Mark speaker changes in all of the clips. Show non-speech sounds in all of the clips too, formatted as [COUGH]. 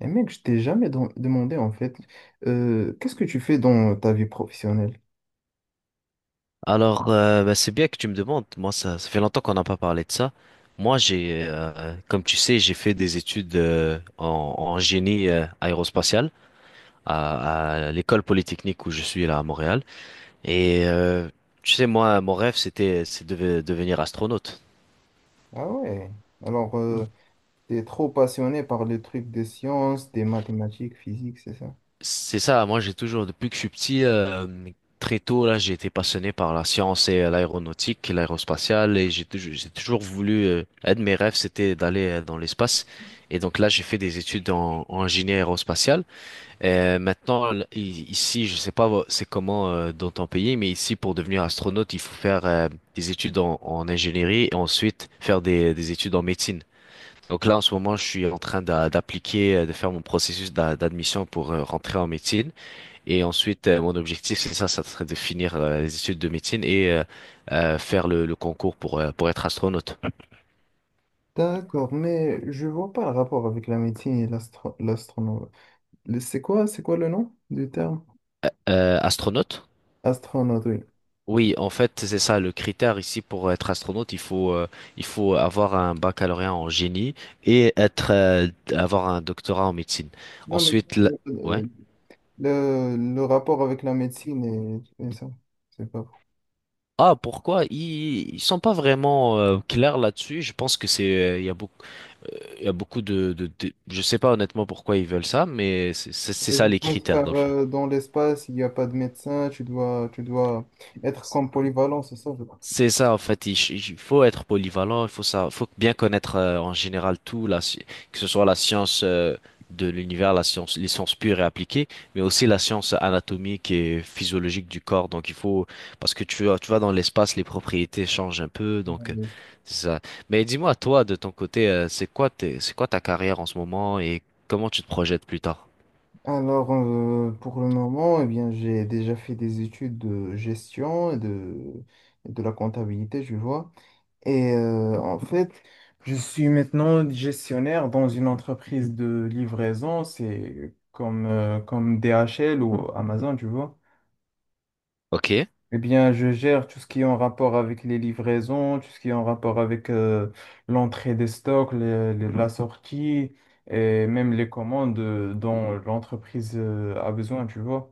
Speaker 1: Et mec, je t'ai jamais demandé en fait, qu'est-ce que tu fais dans ta vie professionnelle?
Speaker 2: Alors, c'est bien que tu me demandes. Moi, ça fait longtemps qu'on n'a pas parlé de ça. Moi, comme tu sais, j'ai fait des études en génie aérospatial à l'école polytechnique où je suis là à Montréal. Et euh, Tu sais, moi, mon rêve, c'est de devenir astronaute.
Speaker 1: Ah ouais. Alors, Ouais. T'es trop passionné par les trucs des sciences, des mathématiques, physique, c'est ça?
Speaker 2: C'est ça, moi j'ai toujours, depuis que je suis petit, très tôt, là, j'ai été passionné par la science et l'aéronautique, l'aérospatiale, et j'ai toujours voulu, un de mes rêves, c'était d'aller dans l'espace. Et donc là, j'ai fait des études en génie aérospatial. Et maintenant, ici, je sais pas vo- c'est comment dans ton pays, mais ici, pour devenir astronaute, il faut faire des études en ingénierie et ensuite faire des études en médecine. Donc là, en ce moment, je suis en train d'appliquer, de faire mon processus d'admission pour rentrer en médecine. Et ensuite, mon objectif, c'est ça, ça serait de finir les études de médecine et faire le concours pour être astronaute.
Speaker 1: D'accord, mais je vois pas le rapport avec la médecine et l'astronaute. C'est quoi le nom du terme?
Speaker 2: Astronaute?
Speaker 1: Astronaute, oui.
Speaker 2: Oui, en fait, c'est ça, le critère ici pour être astronaute, il faut avoir un baccalauréat en génie et avoir un doctorat en médecine.
Speaker 1: Non, mais
Speaker 2: Ensuite, ouais.
Speaker 1: euh, le rapport avec la médecine et ça, c'est pas fou.
Speaker 2: Ah, pourquoi? Ils sont pas vraiment clairs là-dessus. Je pense que il y a beaucoup, il y a beaucoup de je sais pas honnêtement pourquoi ils veulent ça, mais c'est
Speaker 1: Et
Speaker 2: ça
Speaker 1: je
Speaker 2: les
Speaker 1: pense
Speaker 2: critères dans
Speaker 1: car
Speaker 2: le fond.
Speaker 1: dans l'espace, il n'y a pas de médecin, tu dois être comme polyvalent, c'est ça, je pense.
Speaker 2: C'est ça, en fait, il faut être polyvalent, il faut ça, faut bien connaître en général tout, que ce soit la science de l'univers, la science, les sciences pures et appliquées, mais aussi la science anatomique et physiologique du corps. Donc il faut, parce que tu vois dans l'espace, les propriétés changent un peu, c'est ça. Mais dis-moi, toi, de ton côté, c'est quoi c'est quoi ta carrière en ce moment et comment tu te projettes plus tard?
Speaker 1: Alors, pour le moment, eh bien, j'ai déjà fait des études de gestion et de la comptabilité, je vois. Et en fait, je suis maintenant gestionnaire dans une entreprise de livraison. C'est comme, comme DHL ou Amazon, tu vois.
Speaker 2: Ok.
Speaker 1: Eh bien, je gère tout ce qui est en rapport avec les livraisons, tout ce qui est en rapport avec l'entrée des stocks, la sortie et même les commandes dont l'entreprise a besoin, tu vois.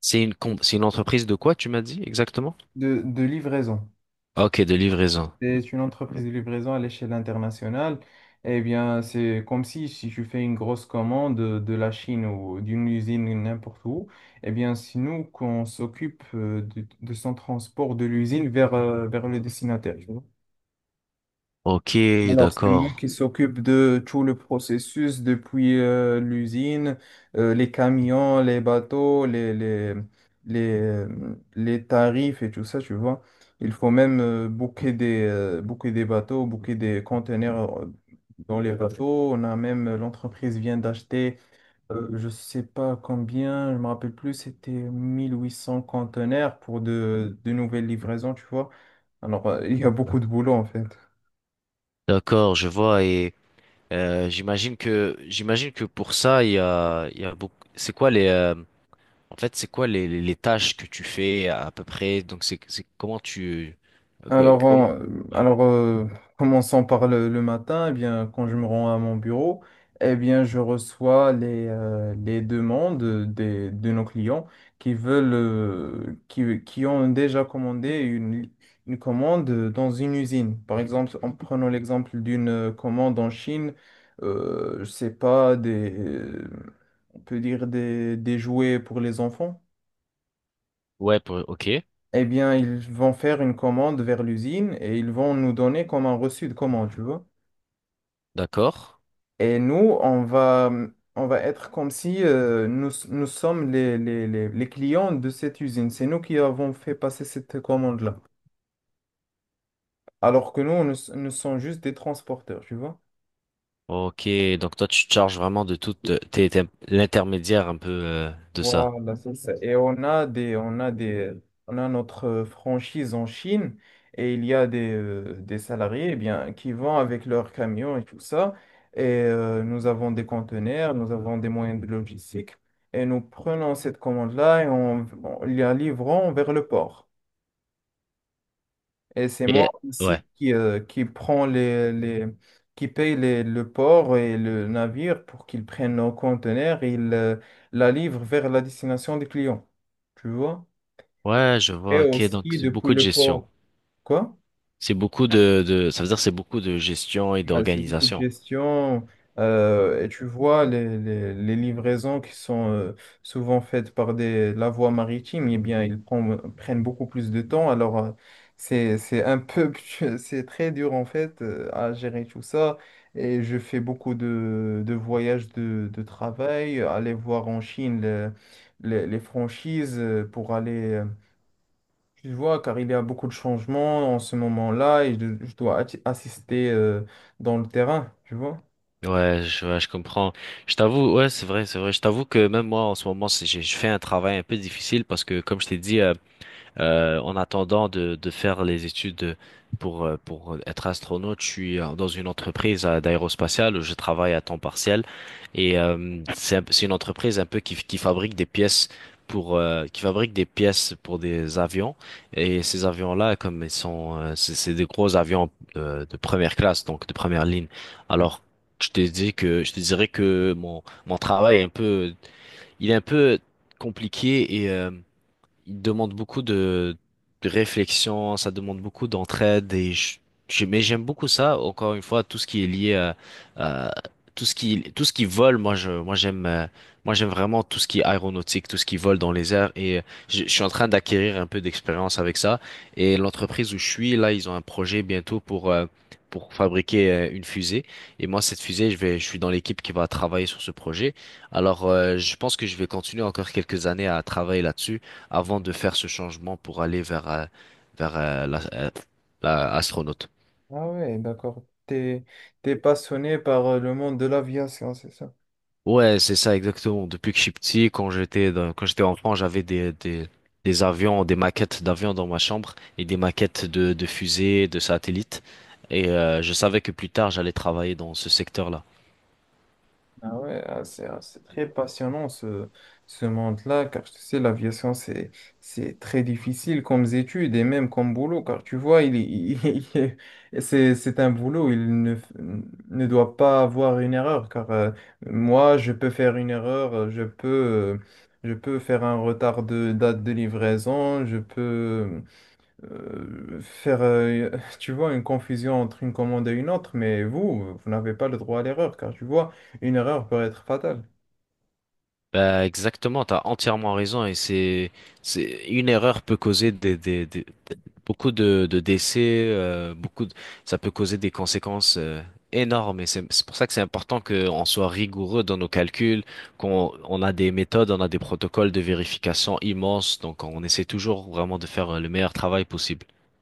Speaker 2: C'est une, c'est une entreprise de quoi, tu m'as dit exactement?
Speaker 1: De livraison.
Speaker 2: Ok, de livraison.
Speaker 1: C'est une entreprise de livraison à l'échelle internationale. Eh bien, c'est comme si, si tu fais une grosse commande de la Chine ou d'une usine n'importe où, eh bien, c'est nous qu'on s'occupe de son transport de l'usine vers, vers le destinataire.
Speaker 2: Ok,
Speaker 1: Alors, c'est moi
Speaker 2: d'accord.
Speaker 1: qui s'occupe de tout le processus depuis l'usine, les camions, les bateaux, les tarifs et tout ça, tu vois. Il faut même booker des bateaux, booker des conteneurs dans les bateaux. On a même, l'entreprise vient d'acheter, je sais pas combien, je me rappelle plus, c'était 1 800 conteneurs pour de nouvelles livraisons, tu vois. Alors, il y a beaucoup de boulot en fait.
Speaker 2: D'accord, je vois et j'imagine que pour ça il y a beaucoup c'est quoi les en fait c'est quoi les tâches que tu fais à peu près donc c'est comment tu
Speaker 1: Alors,
Speaker 2: comment
Speaker 1: en-
Speaker 2: ouais
Speaker 1: alors euh, commençons par le matin. Eh bien, quand je me rends à mon bureau, eh bien, je reçois les demandes de nos clients qui veulent, qui ont déjà commandé une commande dans une usine. Par exemple, en prenant l'exemple d'une commande en Chine, je sais pas, on peut dire des jouets pour les enfants.
Speaker 2: ouais OK
Speaker 1: Eh bien, ils vont faire une commande vers l'usine et ils vont nous donner comme un reçu de commande, tu vois.
Speaker 2: d'accord
Speaker 1: Et nous, on va, on va être comme si nous, nous sommes les clients de cette usine. C'est nous qui avons fait passer cette commande-là. Alors que nous sommes juste des transporteurs, tu vois.
Speaker 2: OK donc toi tu te charges vraiment de tout t'es l'intermédiaire un peu de ça
Speaker 1: Voilà, c'est ça. Et on a notre franchise en Chine et il y a des salariés, eh bien, qui vont avec leurs camions et tout ça. Et nous avons des conteneurs, nous avons des moyens de logistique et nous prenons cette commande-là et on la livrons vers le port. Et c'est moi
Speaker 2: et ouais
Speaker 1: aussi qui, qui paye le port et le navire pour qu'ils prennent nos conteneurs et ils la livrent vers la destination des clients. Tu vois?
Speaker 2: ouais je
Speaker 1: Et
Speaker 2: vois OK donc
Speaker 1: aussi
Speaker 2: c'est
Speaker 1: depuis
Speaker 2: beaucoup de
Speaker 1: le
Speaker 2: gestion
Speaker 1: port. Quoi?
Speaker 2: c'est beaucoup de ça veut dire c'est beaucoup de gestion et
Speaker 1: Ouais, c'est beaucoup de
Speaker 2: d'organisation.
Speaker 1: gestion. Et tu vois, les livraisons qui sont souvent faites par la voie maritime, eh bien, prennent beaucoup plus de temps. Alors, c'est un peu, [LAUGHS] c'est très dur en fait à gérer tout ça. Et je fais beaucoup de voyages de travail, aller voir en Chine les franchises pour aller, tu vois, car il y a beaucoup de changements en ce moment-là et je dois assister dans le terrain, tu vois.
Speaker 2: Ouais, ouais, je comprends. Je t'avoue, ouais, c'est vrai, c'est vrai. Je t'avoue que même moi, en ce moment, je fais un travail un peu difficile parce que, comme je t'ai dit, en attendant de faire les études pour être astronaute, je suis dans une entreprise d'aérospatiale où je travaille à temps partiel et c'est une entreprise un peu qui fabrique des pièces pour qui fabrique des pièces pour des avions et ces avions-là comme ils sont c'est des gros avions de première classe donc de première ligne.
Speaker 1: Ouais.
Speaker 2: Alors je te dirais que mon travail est un peu il est un peu compliqué il demande beaucoup de réflexion, ça demande beaucoup d'entraide et mais j'aime beaucoup ça. Encore une fois, tout ce qui est lié à, à- tout ce qui vole, moi j'aime vraiment tout ce qui est aéronautique, tout ce qui vole dans les airs et je suis en train d'acquérir un peu d'expérience avec ça et l'entreprise où je suis là, ils ont un projet bientôt pour fabriquer une fusée et moi cette fusée je suis dans l'équipe qui va travailler sur ce projet alors je pense que je vais continuer encore quelques années à travailler là-dessus avant de faire ce changement pour aller vers, vers la astronaute.
Speaker 1: Ah ouais, d'accord. T'es passionné par le monde de l'aviation, c'est ça?
Speaker 2: Ouais, c'est ça exactement. Depuis que je suis petit, quand j'étais quand j'étais enfant, j'avais des avions, des maquettes d'avions dans ma chambre et des maquettes de fusées, de satellites. Et je savais que plus tard, j'allais travailler dans ce secteur-là.
Speaker 1: Ah ouais, ah, c'est très passionnant ce, ce monde-là, car tu sais, l'aviation, c'est très difficile comme étude et même comme boulot, car tu vois, [LAUGHS] il- c'est un boulot, il ne, f- ne doit pas avoir une erreur, car moi, je peux faire une erreur, je peux faire un retard de date de livraison, euh, faire, euh, tu vois, une confusion entre une commande et une autre, mais vous, vous n'avez pas le droit à l'erreur, car tu vois, une erreur peut être fatale.
Speaker 2: Bah exactement, t'as entièrement raison et c'est une erreur peut causer beaucoup de décès, euh, beaucoup de, ça peut causer des conséquences énormes et c'est pour ça que c'est important qu'on soit rigoureux dans nos calculs, qu'on on a des méthodes, on a des protocoles de vérification immenses, donc on essaie toujours vraiment de faire le meilleur travail possible. [LAUGHS]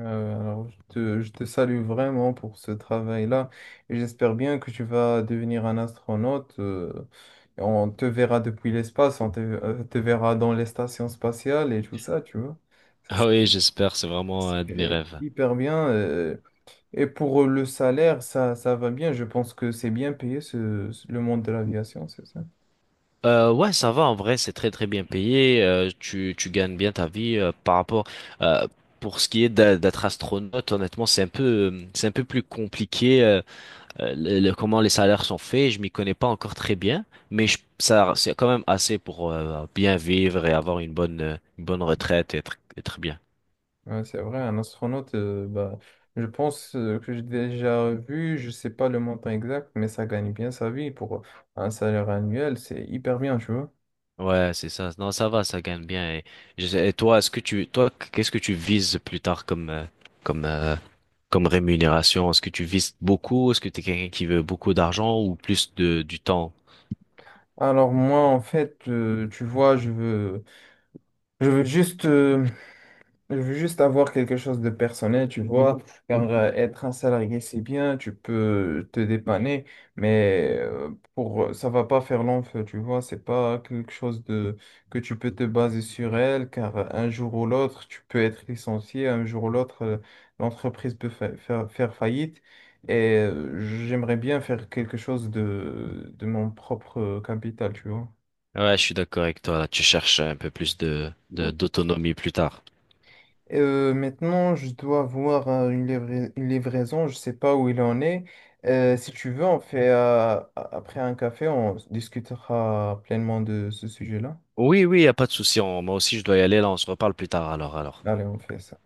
Speaker 1: Je te salue vraiment pour ce travail-là, et j'espère bien que tu vas devenir un astronaute. Et on te verra depuis l'espace, te verra dans les stations spatiales et tout ça, tu vois. Ça,
Speaker 2: Ah oui, j'espère, c'est vraiment un de mes
Speaker 1: c'est
Speaker 2: rêves.
Speaker 1: hyper bien. Et pour le salaire, ça va bien. Je pense que c'est bien payé le monde de l'aviation, c'est ça?
Speaker 2: Ouais, ça va en vrai, c'est très très bien payé. Tu tu gagnes bien ta vie par rapport euh, pour ce qui est d'être astronaute. Honnêtement, c'est un peu plus compliqué comment les salaires sont faits. Je m'y connais pas encore très bien, mais ça c'est quand même assez pour bien vivre et avoir une bonne retraite et être bien.
Speaker 1: Ouais, c'est vrai, un astronaute, bah, je pense que j'ai déjà vu, je sais pas le montant exact, mais ça gagne bien sa vie pour un salaire annuel, c'est hyper bien, tu vois.
Speaker 2: Ouais, c'est ça. Non, ça va, ça gagne bien. Et, et toi, est-ce que tu toi qu'est-ce que tu vises plus tard comme comme euh, comme rémunération? Est-ce que tu vises beaucoup? Est-ce que tu es quelqu'un qui veut beaucoup d'argent ou plus de du temps?
Speaker 1: Alors moi, en fait, tu vois, je veux juste je veux juste avoir quelque chose de personnel, tu vois, car être un salarié, c'est bien, tu peux te dépanner, mais pour ça va pas faire long feu, tu vois, c'est pas quelque chose de que tu peux te baser sur elle, car un jour ou l'autre, tu peux être licencié, un jour ou l'autre, l'entreprise peut faire faillite, et j'aimerais bien faire quelque chose de mon propre capital, tu vois.
Speaker 2: Ouais, je suis d'accord avec toi. Là, tu cherches un peu plus d'autonomie plus tard.
Speaker 1: Maintenant, je dois avoir une une livraison, je sais pas où il en est. Si tu veux, on fait après un café, on discutera pleinement de ce sujet-là.
Speaker 2: Oui, oui, y a pas de souci. Moi aussi, je dois y aller. Là, on se reparle plus tard. Alors, alors.
Speaker 1: Allez, on fait ça.